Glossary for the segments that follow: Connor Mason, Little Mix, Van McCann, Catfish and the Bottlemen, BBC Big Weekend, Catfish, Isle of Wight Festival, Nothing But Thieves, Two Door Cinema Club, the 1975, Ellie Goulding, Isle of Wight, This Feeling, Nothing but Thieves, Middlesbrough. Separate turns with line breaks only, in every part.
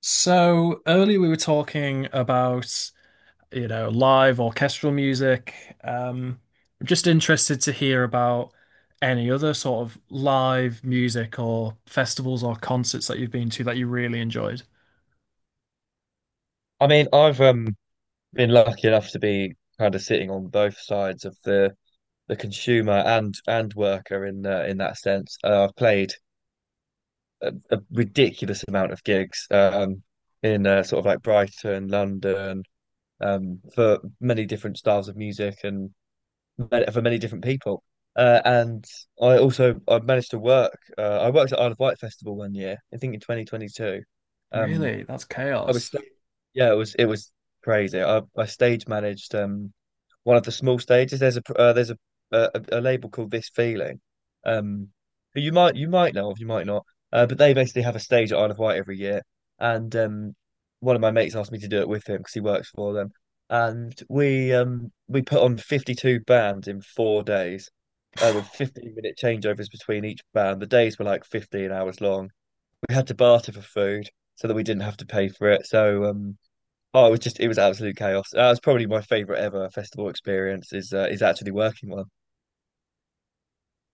So earlier we were talking about, you know, live orchestral music. Um, I'm just interested to hear about any other sort of live music or festivals or concerts that you've been to that you really enjoyed.
I mean, I've been lucky enough to be kind of sitting on both sides of the consumer and worker in that sense. I've played a ridiculous amount of gigs in sort of like Brighton, London, for many different styles of music and for many different people. And I managed to work. I worked at Isle of Wight Festival one year, I think in 2022. Um,
Really? That's
I was
chaos.
Yeah, it was crazy. I stage managed one of the small stages. There's there's a label called This Feeling, um, who you might know of, you might not. But they basically have a stage at Isle of Wight every year, and one of my mates asked me to do it with him because he works for them, and we put on 52 bands in 4 days, with 15-minute changeovers between each band. The days were like 15 hours long. We had to barter for food so that we didn't have to pay for it. Oh, it was absolute chaos. That was probably my favorite ever festival experience is actually working one.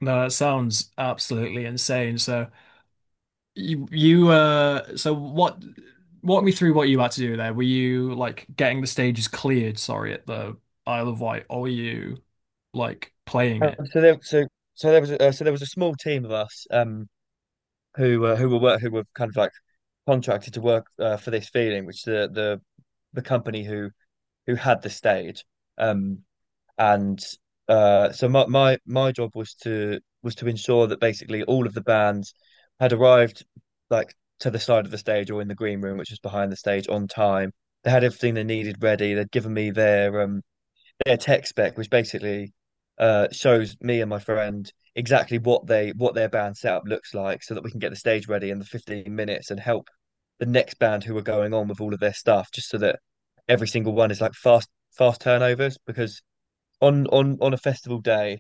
No, that sounds absolutely insane. So you so what walk me through what you had to do there. Were you like getting the stages cleared, sorry, at the Isle of Wight, or were you like playing
Um,
it?
so there so so there was so there was a small team of us who were kind of like contracted to work for this feeling, which the company who had the stage um. And my job was to ensure that basically all of the bands had arrived like to the side of the stage or in the green room, which was behind the stage, on time. They had everything they needed ready. They'd given me their their tech spec, which basically shows me and my friend exactly what their band setup looks like, so that we can get the stage ready in the 15 minutes and help the next band who are going on with all of their stuff, just so that every single one is like fast turnovers because on a festival day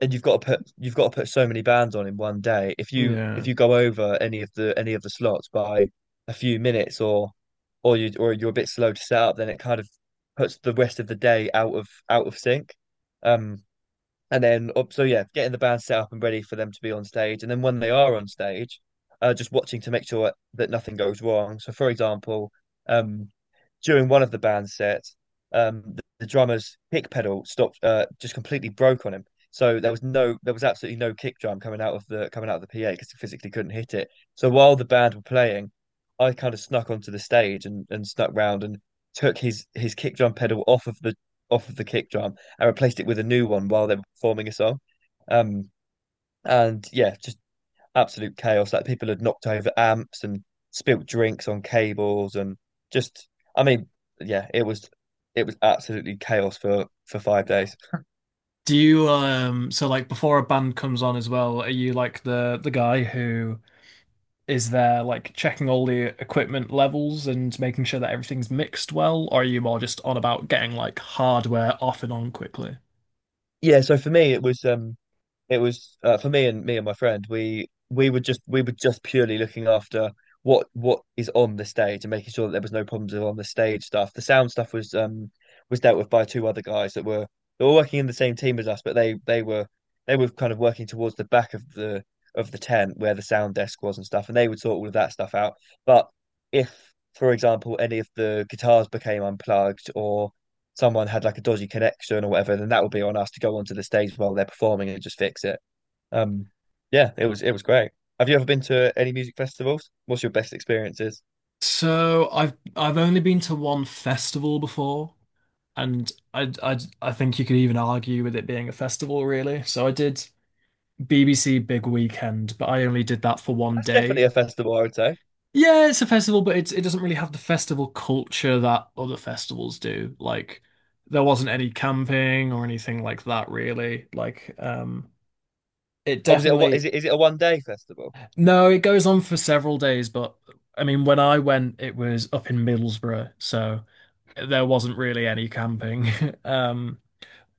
and you've got to put so many bands on in one day if
Yeah.
you go over any of the slots by a few minutes or you or you're a bit slow to set up, then it kind of puts the rest of the day out of sync. Um and then oh, so Yeah, getting the band set up and ready for them to be on stage, and then when they are on stage, just watching to make sure that nothing goes wrong. So for example, um during one of the band sets, the drummer's kick pedal stopped, just completely broke on him. So there was absolutely no kick drum coming out of the coming out of the PA because he physically couldn't hit it. So while the band were playing, I kind of snuck onto the stage and snuck round and took his kick drum pedal off of the kick drum and replaced it with a new one while they were performing a song. Um, and yeah, just absolute chaos. Like people had knocked over amps and spilt drinks on cables and just, I mean, yeah, it was absolutely chaos for five
Yeah.
days.
Do you so like before a band comes on as well, are you like the guy who is there like checking all the equipment levels and making sure that everything's mixed well, or are you more just on about getting like hardware off and on quickly?
Yeah, so for me it was, for me and my friend. We were just purely looking after what is on the stage and making sure that there was no problems with on the stage stuff. The sound stuff was dealt with by two other guys that were, they were working in the same team as us, but they were, they were kind of working towards the back of the tent where the sound desk was and stuff, and they would sort all of that stuff out. But if, for example, any of the guitars became unplugged or someone had like a dodgy connection or whatever, then that would be on us to go onto the stage while they're performing and just fix it. Um, yeah, it was great. Have you ever been to any music festivals? What's your best experiences?
So I've only been to one festival before, and I think you could even argue with it being a festival really. So I did BBC Big Weekend, but I only did that for one
That's
day.
definitely a festival, I would say.
Yeah, it's a festival, but it doesn't really have the festival culture that other festivals do. Like there wasn't any camping or anything like that really. Like it
Oh, was it a what?
definitely
Is it a 1 day festival?
No, it goes on for several days, but I mean when I went it was up in Middlesbrough, so there wasn't really any camping. Um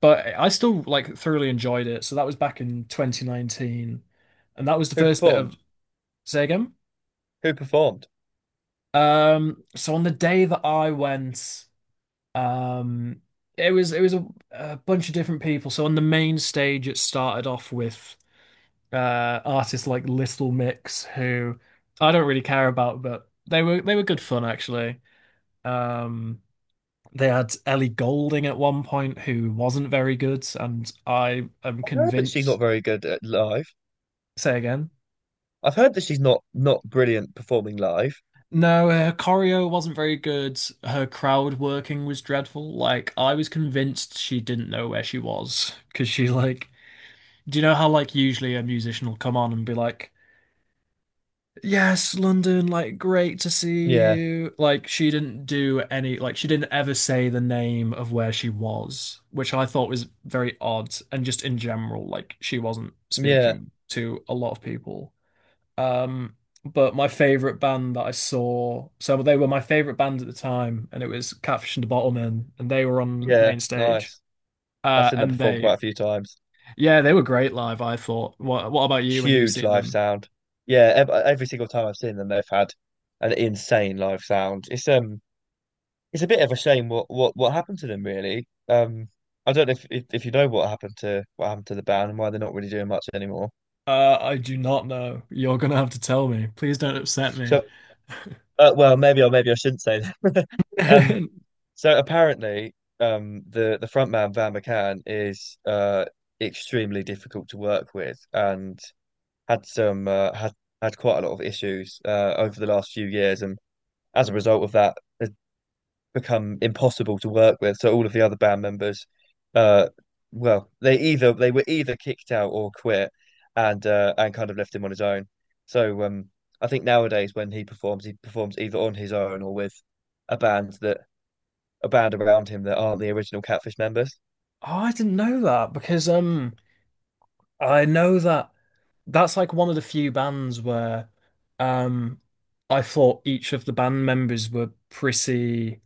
but I still like thoroughly enjoyed it. So that was back in 2019 and that was the
Who
first bit of
performed?
say again.
Who performed?
So on the day that I went Um, it was a bunch of different people. So on the main stage, it started off with artists like Little Mix, who I don't really care about, but they were good fun actually. Um, they had Ellie Goulding at one point, who wasn't very good, and I am
I've heard that she's not
convinced.
very good at live.
Say again.
I've heard that she's not brilliant performing live.
No, her choreo wasn't very good. Her crowd working was dreadful. Like, I was convinced she didn't know where she was because she like do you know how like usually a musician will come on and be like, "Yes, London, like great to see
Yeah,
you." Like she didn't do any like she didn't ever say the name of where she was, which I thought was very odd and just in general like she wasn't
yeah,
speaking to a lot of people. Um but my favorite band that I saw, so they were my favorite band at the time and it was Catfish and the Bottlemen and they were on
yeah.
main stage.
Nice. I've seen her
And
perform
they
quite a few times.
Yeah, they were great live, I thought. What about you when you've
Huge
seen
live
them?
sound. Yeah, ev every single time I've seen them, they've had an insane live sound. It's a bit of a shame what happened to them really. I don't know if you know what happened to, what happened to the band and why they're not really doing much anymore.
I do not know. You're gonna have to tell me. Please don't upset me.
So, well, maybe, or maybe I shouldn't say that. Um, so apparently, the front man Van McCann is extremely difficult to work with, and had had quite a lot of issues over the last few years, and as a result of that has become impossible to work with. So all of the other band members, uh, well, they were either kicked out or quit, and kind of left him on his own. So I think nowadays when he performs either on his own or with a band that a band around him that aren't the original Catfish members,
Oh, I didn't know that because I know that that's like one of the few bands where um I thought each of the band members were pretty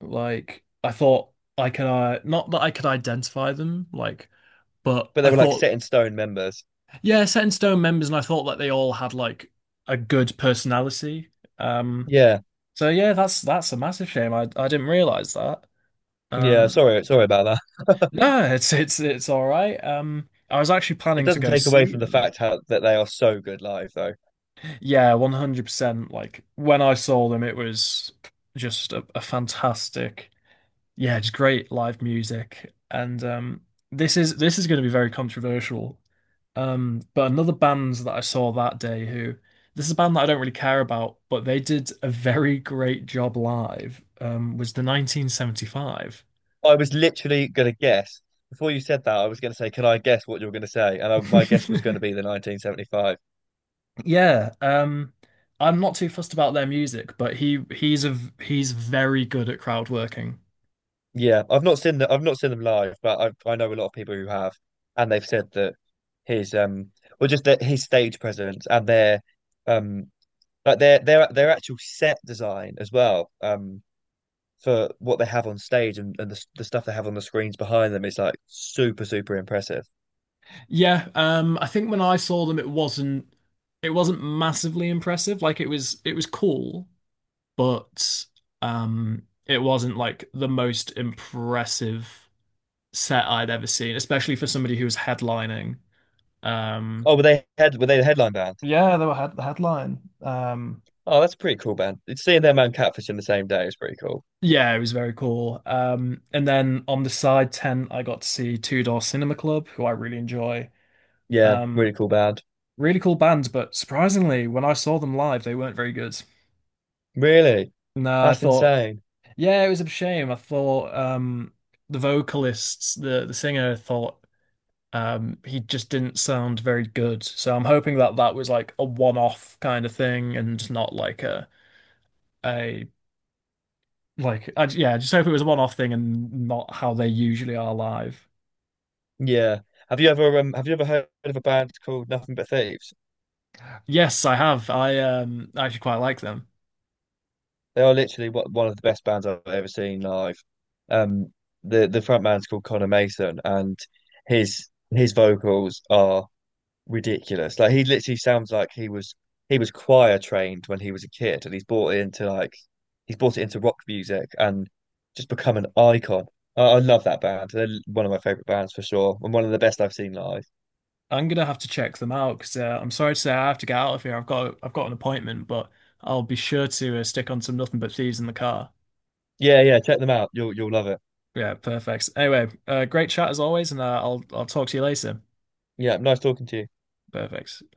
like I thought I could not that I could identify them like but
but they
I
were like
thought
set in stone members.
Yeah, set in stone members and I thought that they all had like a good personality. um
Yeah,
so yeah, that's a massive shame. I didn't realize that.
yeah.
Um,
Sorry about that.
no, it's all right. I was actually
It
planning to
doesn't
go
take away
see
from
them.
that they are so good live, though.
Yeah, 100%. Like when I saw them, it was just a fantastic, yeah, just great live music. And this is going to be very controversial. But another band that I saw that day, who this is a band that I don't really care about, but they did a very great job live. Was the 1975.
I was literally going to guess. Before you said that, I was going to say, "Can I guess what you are going to say?" And my guess was going to be the 1975.
Yeah, I'm not too fussed about their music, but he he's a v- he's very good at crowd working.
Yeah, I've not seen that. I've not seen them live, but I know a lot of people who have, and they've said that his well, just that his stage presence and their um, like their actual set design as well. For what they have on stage and the stuff they have on the screens behind them is like super impressive.
Yeah, I think when I saw them, it wasn't massively impressive. Like it was cool, but it wasn't like the most impressive set I'd ever seen, especially for somebody who was headlining. Um,
Were they the headline band?
yeah, the headline.
Oh, that's a pretty cool band. It's Seeing them and Catfish in the same day is pretty cool.
Yeah, it was very cool. And then on the side tent, I got to see Two Door Cinema Club, who I really enjoy.
Yeah,
Um,
really cool band.
really cool band, but surprisingly, when I saw them live, they weren't very good.
Really?
No, I
That's
thought,
insane.
yeah, it was a shame. I thought the vocalists, the singer, thought he just didn't sound very good. So I'm hoping that that was like a one-off kind of thing, and not like a yeah, I just hope it was a one-off thing and not how they usually are live.
Yeah. Have you ever heard of a band called Nothing But Thieves?
Yes, I have. I actually quite like them.
They are literally what one of the best bands I've ever seen live. Um, the front man's called Connor Mason, and his vocals are ridiculous. Like he literally sounds like he was choir trained when he was a kid, and he's brought it into like he's brought it into rock music and just become an icon. I love that band. They're one of my favorite bands for sure, and one of the best I've seen live.
I'm gonna have to check them out because I'm sorry to say I have to get out of here. I've got an appointment, but I'll be sure to stick on some nothing but thieves in the car.
Yeah, yeah, check them out. You'll love it.
Yeah, perfect. Anyway, great chat as always, and uh, I'll talk to you later.
Yeah, nice talking to you.
Perfect.